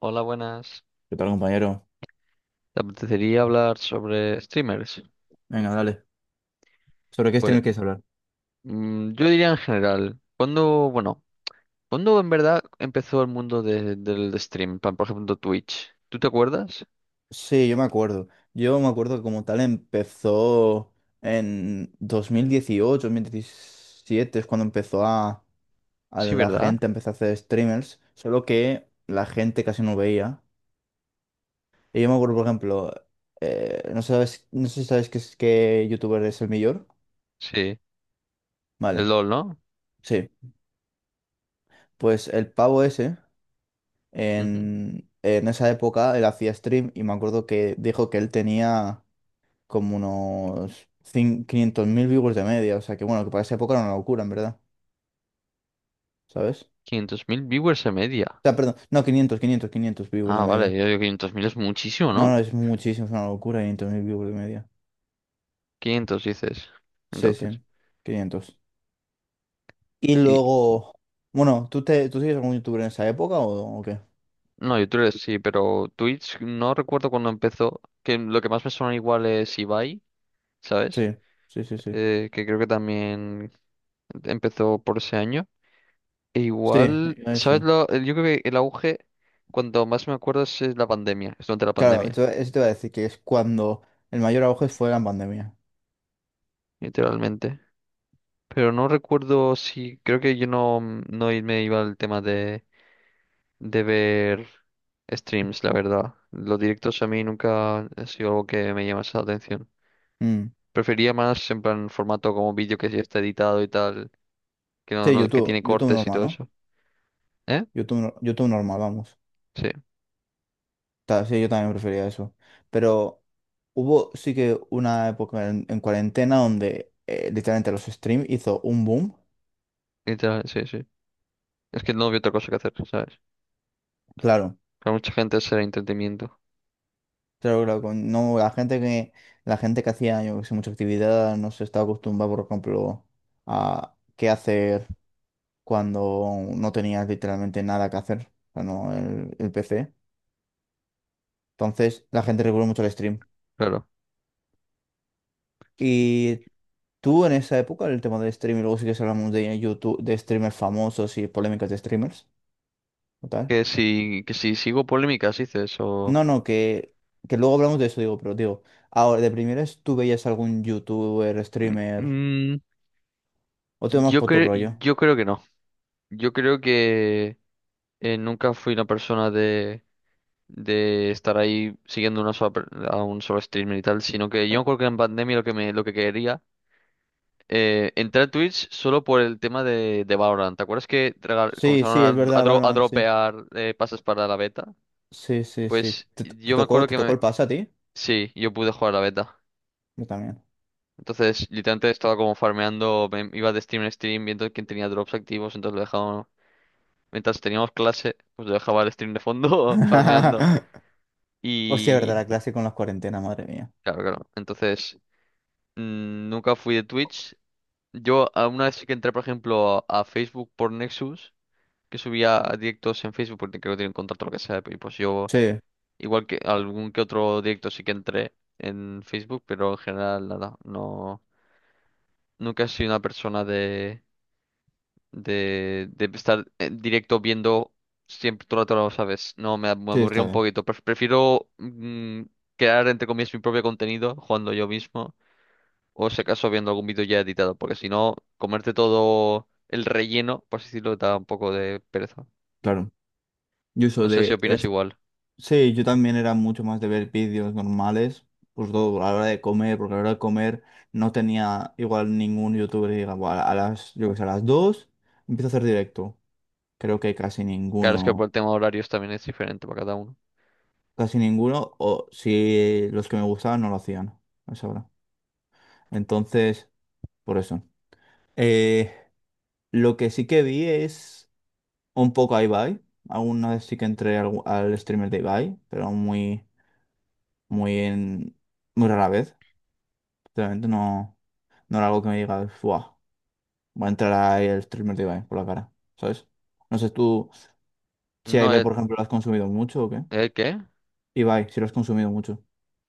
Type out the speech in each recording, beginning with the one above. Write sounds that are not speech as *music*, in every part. Hola, buenas. ¿Qué tal, compañero? ¿Te apetecería hablar sobre streamers? Venga, dale. ¿Sobre qué Pues streamer quieres hablar? Yo diría en general, ¿cuándo, bueno, cuándo en verdad empezó el mundo del stream? Por ejemplo, Twitch. ¿Tú te acuerdas? Sí, yo me acuerdo. Yo me acuerdo que como tal empezó en dos mil dieciocho 2017 es cuando empezó a Sí, la ¿verdad? gente empezó a hacer streamers, solo que la gente casi no veía. Y yo me acuerdo, por ejemplo, no sabes, no sé si sabes qué youtuber es el mayor. Sí. El Vale, LOL, ¿no? sí. Pues el pavo ese, Ujú. En esa época, él hacía stream y me acuerdo que dijo que él tenía... como unos 500.000 viewers de media. O sea que bueno, que para esa época era una locura, en verdad. ¿Sabes? O 500.000 viewers en media. sea, perdón. No, quinientos viewers de Ah, vale, media. yo digo 500.000 es muchísimo, No, ¿no? no, es muchísimo, es una locura, 500.000 viewers de media. 500 dices. Sí, sí, Entonces. 500. Y Y luego, bueno, ¿tú sigues algún youtuber en esa época o qué? no, YouTube sí, pero Twitch no recuerdo cuándo empezó. Que lo que más me suena igual es Ibai, ¿sabes? Sí, sí, sí, sí. Que creo que también empezó por ese año. E Sí, igual, ¿sabes sí. lo? Yo creo que el auge, cuando más me acuerdo, es la pandemia, es durante la Claro, pandemia, eso te iba a decir que es cuando el mayor auge fue la pandemia. literalmente. Pero no recuerdo si, creo que yo no, me iba al tema de ver streams, la verdad. Los directos a mí nunca ha sido algo que me llamase la atención. Mm. Prefería más en plan formato como vídeo que ya está editado y tal, que Sí, que YouTube, tiene YouTube cortes y normal, todo ¿no? eso. ¿Eh? YouTube, YouTube normal, vamos. Sí, Sí, yo también prefería eso. Pero hubo sí que una época en cuarentena donde literalmente los streams hizo un boom. literal, sí, sí. Es que no había otra cosa que hacer, ¿sabes? Claro, Que a mucha gente será entretenimiento, claro, claro. No, la gente que hacía, yo que sé, mucha actividad no se estaba acostumbrada, por ejemplo, a qué hacer cuando no tenías literalmente nada que hacer. O sea, no, el PC. Entonces, la gente recurrió mucho al stream. claro. Y tú en esa época, el tema del stream, y luego sí que se hablamos de YouTube, de streamers famosos y polémicas de streamers. Total. Que si sigo polémicas, dices, o. No, no, que luego hablamos de eso, digo, pero digo, ahora, de primeras, ¿tú veías algún youtuber, Mm, streamer? mm, ¿O te vas yo por tu creo, rollo? yo creo que no. Yo creo que nunca fui una persona de estar ahí siguiendo a un solo streamer y tal, sino que Ah. yo creo que en pandemia lo que quería, entrar a Twitch solo por el tema de Valorant. ¿Te acuerdas que Sí, comenzaron sí, es verdad, a Valorant, sí. dropear pases para la beta? Sí, sí, sí. Pues ¿Te yo me tocó, acuerdo te que tocó me. el pase a ti? Sí, yo pude jugar la beta. Yo también. Entonces, literalmente estaba como farmeando, iba de stream en stream viendo quién tenía drops activos, entonces lo dejaba, mientras teníamos clase, pues lo dejaba el stream de fondo *laughs* farmeando. *laughs* Hostia, verdad, Y la clase con las cuarentenas, madre mía. claro, claro. Entonces, nunca fui de Twitch. Una vez sí que entré, por ejemplo, a Facebook por Nexus, que subía directos en Facebook porque creo que tienen contrato o lo que sea, y pues yo, Sí, igual que algún que otro directo sí que entré en Facebook, pero en general nada, no, nunca he sido una persona de estar en directo viendo siempre todo el rato, lo ¿sabes? No, me sí, aburría está un bien. poquito. Prefiero crear, entre comillas, mi propio contenido jugando yo mismo o si acaso viendo algún vídeo ya editado, porque si no, comerte todo el relleno, por así decirlo, da un poco de pereza. Claro. Yo uso No sé si de opinas igual. sí, yo también era mucho más de ver vídeos normales, pues todo a la hora de comer, porque a la hora de comer no tenía igual ningún youtuber que diga, "Buah, a las, yo que sé, a las 2 empiezo a hacer directo. Creo que Claro, es que por el tema de horarios también es diferente para cada uno. casi ninguno, o si los que me gustaban no lo hacían a esa hora. Entonces, por eso. Eh, lo que sí que vi es un poco a Ibai. Alguna vez sí que entré al streamer de Ibai, pero muy, muy en, muy rara vez. Realmente no. No era algo que me diga wow. Va a entrar ahí el streamer de Ibai por la cara, ¿sabes? No sé tú si a No, Ibai, ¿el, por ejemplo, lo has consumido mucho o qué. el qué? Ibai, si lo has consumido mucho.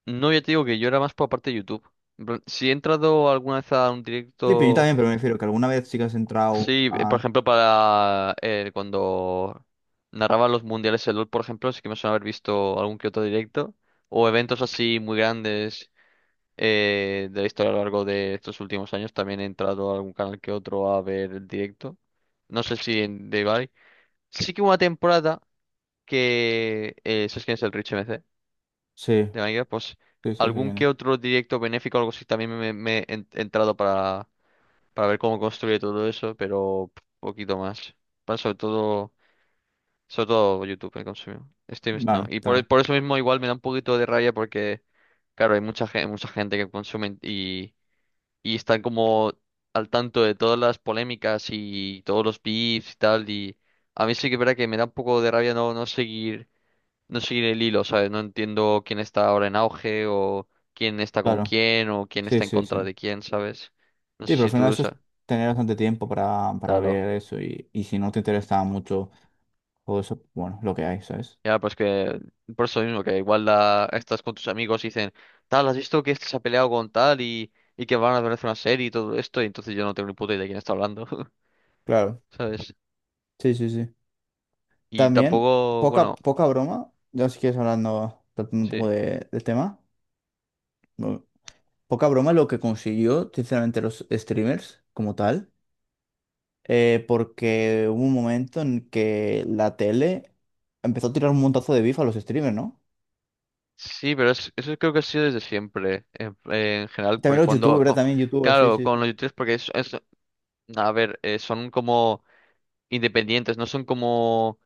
No, ya te digo que yo era más por la parte de YouTube. En plan, si he entrado alguna vez a un Sí, pero yo directo. también, pero me refiero que alguna vez sí que has entrado Sí, por a... ejemplo, para cuando narraban los mundiales de LOL, por ejemplo, sí que me suena haber visto algún que otro directo o eventos así muy grandes de la historia a lo largo de estos últimos años. También he entrado a algún canal que otro a ver el directo. No sé si en de Ibai. Sí que hubo una temporada que, ¿sabes quién es el Rich MC Sí, de Minecraft? Pues sí, sí, sí, algún quién que es. otro directo benéfico o algo así también me he entrado para ver cómo construye todo eso, pero poquito más. Bueno, sobre todo YouTube he consumido. Steam no. Vale, Y está por, bien. por eso mismo igual me da un poquito de rabia porque, claro, hay mucha gente que consume y, están como al tanto de todas las polémicas y todos los beefs y tal. Y a mí sí que es verdad que me da un poco de rabia no seguir el hilo, ¿sabes? No entiendo quién está ahora en auge o quién está con Claro, quién o quién sí, está en sí, contra sí. de quién, ¿sabes? No Sí, sé pero al si final tú, o eso es sea, tener bastante tiempo para claro. ver eso y si no te interesa mucho todo eso, bueno, lo que hay, ¿sabes? Ya, pues que por eso mismo, que igual estás con tus amigos y dicen, tal, ¿has visto que este se ha peleado con tal y que van a ver una serie y todo esto? Y entonces yo no tengo ni puta idea de quién está hablando, Claro, *laughs* ¿sabes? sí, sí, sí. Y También, tampoco, poca, bueno, poca broma, ya si quieres hablando, tratando un sí. poco del tema. No, poca broma lo que consiguió, sinceramente, los streamers como tal, porque hubo un momento en que la tele empezó a tirar un montazo de bif a los streamers, ¿no? Sí, pero eso creo que ha sido desde siempre, en general, También porque los youtubers, ¿verdad? También youtubers, sí, claro, sí, con sí, los youtubers, porque a ver, son como independientes, no son como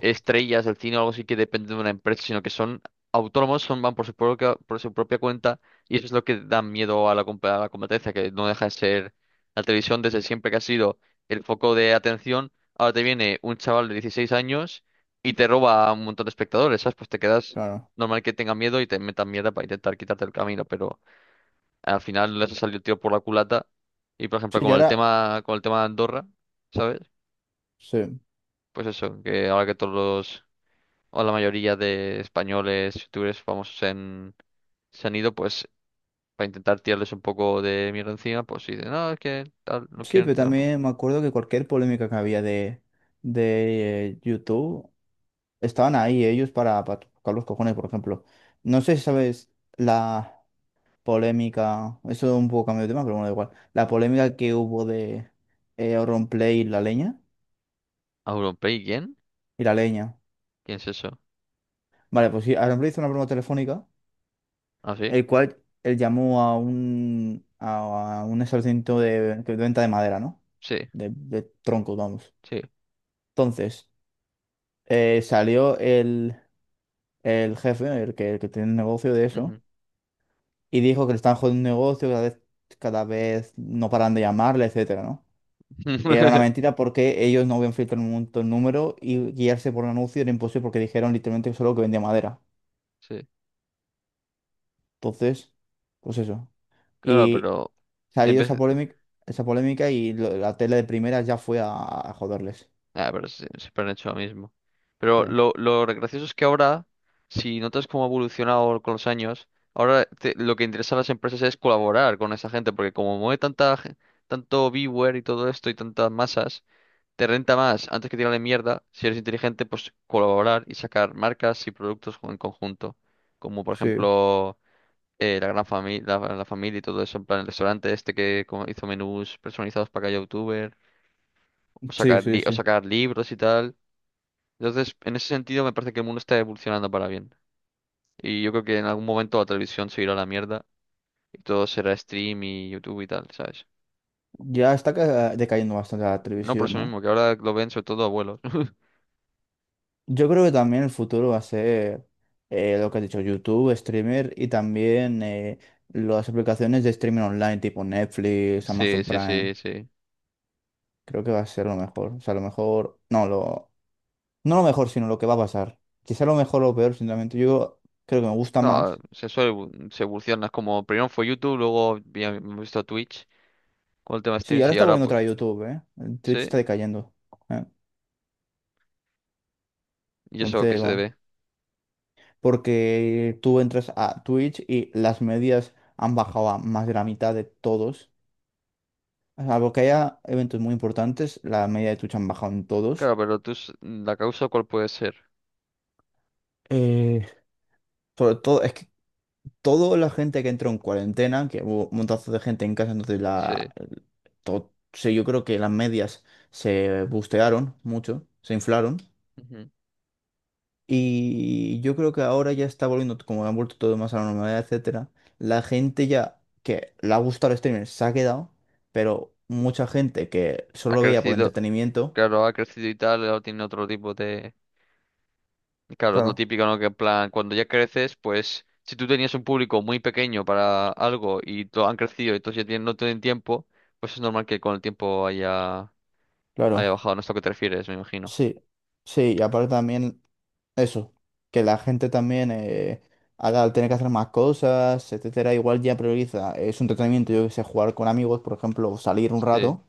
estrellas del cine o algo así que dependen de una empresa, sino que son autónomos, van por su propia cuenta y eso es lo que da miedo a a la competencia, que no deja de ser la televisión desde siempre que ha sido el foco de atención. Ahora te viene un chaval de 16 años y te roba a un montón de espectadores, ¿sabes? Pues te quedas claro. normal que tenga miedo y te metan mierda para intentar quitarte el camino, pero al final les ha salido el tiro por la culata. Y por ejemplo, Sí, y con el ahora, tema, con el tema de Andorra, ¿sabes? sí, Pues eso, que ahora que todos los o la mayoría de españoles, youtubers famosos se han ido, pues, para intentar tirarles un poco de mierda encima, pues, y dicen, no, es que tal, no sí, quieren pero tirar. Pues. también me acuerdo que cualquier polémica que había de YouTube, estaban ahí ellos para tocar los cojones, por ejemplo. No sé si sabes la... polémica, eso es un poco cambio de tema, pero bueno, da igual. La polémica que hubo de Auronplay y la leña. ¿A ¿Auronplay quién? Y la leña. ¿Quién es eso? Vale, pues sí, Auronplay hizo una broma telefónica, ¿Ah, sí? el cual él llamó a a un establecimiento de venta de madera, ¿no? Sí, De troncos, vamos. sí. Entonces, salió el jefe, el que tiene el negocio de eso, Ujú. y dijo que le están jodiendo un negocio, cada vez no paran de llamarle, etcétera, ¿no? Que era una *laughs* mentira porque ellos no habían filtrado un montón de número y guiarse por un anuncio era imposible porque dijeron literalmente solo que vendía madera. Sí, Entonces, pues eso. claro, Y pero en salió vez. esa polémica, la tele de primera ya fue a joderles. Ah, pero sí, siempre han hecho lo mismo. Pero Claro. lo gracioso es que ahora, si notas cómo ha evolucionado con los años, ahora lo que interesa a las empresas es colaborar con esa gente, porque como mueve tanto viewer y todo esto y tantas masas, te renta más antes que tirarle mierda, si eres inteligente, pues colaborar y sacar marcas y productos en conjunto. Como por Sí, ejemplo la gran familia, la familia y todo eso, en plan el restaurante este que como hizo menús personalizados para cada youtuber, sí, sí, o sí. sacar libros y tal. Entonces, en ese sentido, me parece que el mundo está evolucionando para bien. Y yo creo que en algún momento la televisión se irá a la mierda y todo será stream y YouTube y tal, ¿sabes? Ya está decayendo bastante la No por televisión, eso ¿no? mismo, que ahora lo ven sobre todo abuelos. *laughs* Yo creo que también el futuro va a ser lo que has dicho, YouTube, streamer y también las aplicaciones de streaming online tipo Netflix, Sí, Amazon sí, Prime. sí, sí. Creo que va a ser lo mejor. O sea, lo mejor. No, lo. No lo mejor, sino lo que va a pasar. Quizá lo mejor o lo peor, sinceramente. Yo creo que me gusta Claro, más. Se evoluciona. Es como primero fue YouTube, luego hemos visto Twitch con el tema de Sí, streams ahora y está ahora volviendo otra pues, vez YouTube, ¿eh? El Twitch sí. está decayendo. ¿Eh? ¿Y eso a qué Entonces, se bueno. debe? Porque tú entras a Twitch y las medias han bajado a más de la mitad de todos. Salvo que haya eventos muy importantes, la media de Twitch han bajado en todos. Claro, pero la causa, ¿cuál puede ser? Eh, sobre todo, es que toda la gente que entró en cuarentena, que hubo un montazo de gente en casa, entonces Sí. Sí, yo creo que las medias se bustearon mucho, se inflaron. Ujú. Y yo creo que ahora ya está volviendo, como han vuelto todo más a la normalidad, etcétera. La gente ya que le ha gustado el streaming se ha quedado, pero mucha gente que solo Ha lo veía por crecido, entretenimiento. claro, ha crecido y tal, ahora tiene otro tipo de. Claro, es lo Claro, típico, ¿no? Que en plan, cuando ya creces, pues si tú tenías un público muy pequeño para algo y han crecido y entonces ya no tienen tiempo, pues es normal que con el tiempo haya claro, bajado. No es a lo que te refieres, me imagino. sí, sí, y aparte también. Eso, que la gente también, ahora al tener que hacer más cosas, etcétera, igual ya prioriza, es un entretenimiento, yo que sé, jugar con amigos, por ejemplo, o salir un Sí. rato,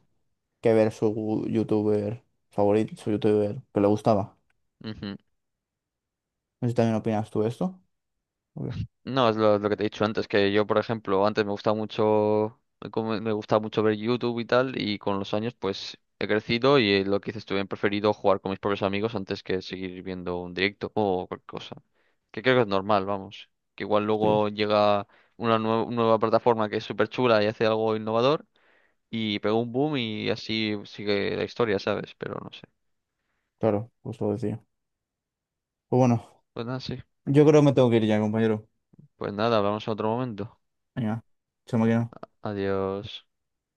que ver su youtuber favorito, su youtuber que le gustaba. Ujú. No sé si también opinas tú de esto. Obvio. No, es lo que te he dicho antes, que yo, por ejemplo, antes me gustaba mucho, me gustaba mucho ver YouTube y tal, y con los años, pues, he crecido y lo que dices tú, he preferido jugar con mis propios amigos antes que seguir viendo un directo o cualquier cosa. Que creo que es normal, vamos. Que igual Sí, luego llega una nueva plataforma que es súper chula y hace algo innovador y pega un boom y así sigue la historia, ¿sabes? Pero no sé. claro, pues lo decía. Pues bueno, Pues nada, sí. yo creo que me tengo que ir ya, compañero. Pues nada, hablamos en otro momento. Venga, chao, máquina. Adiós.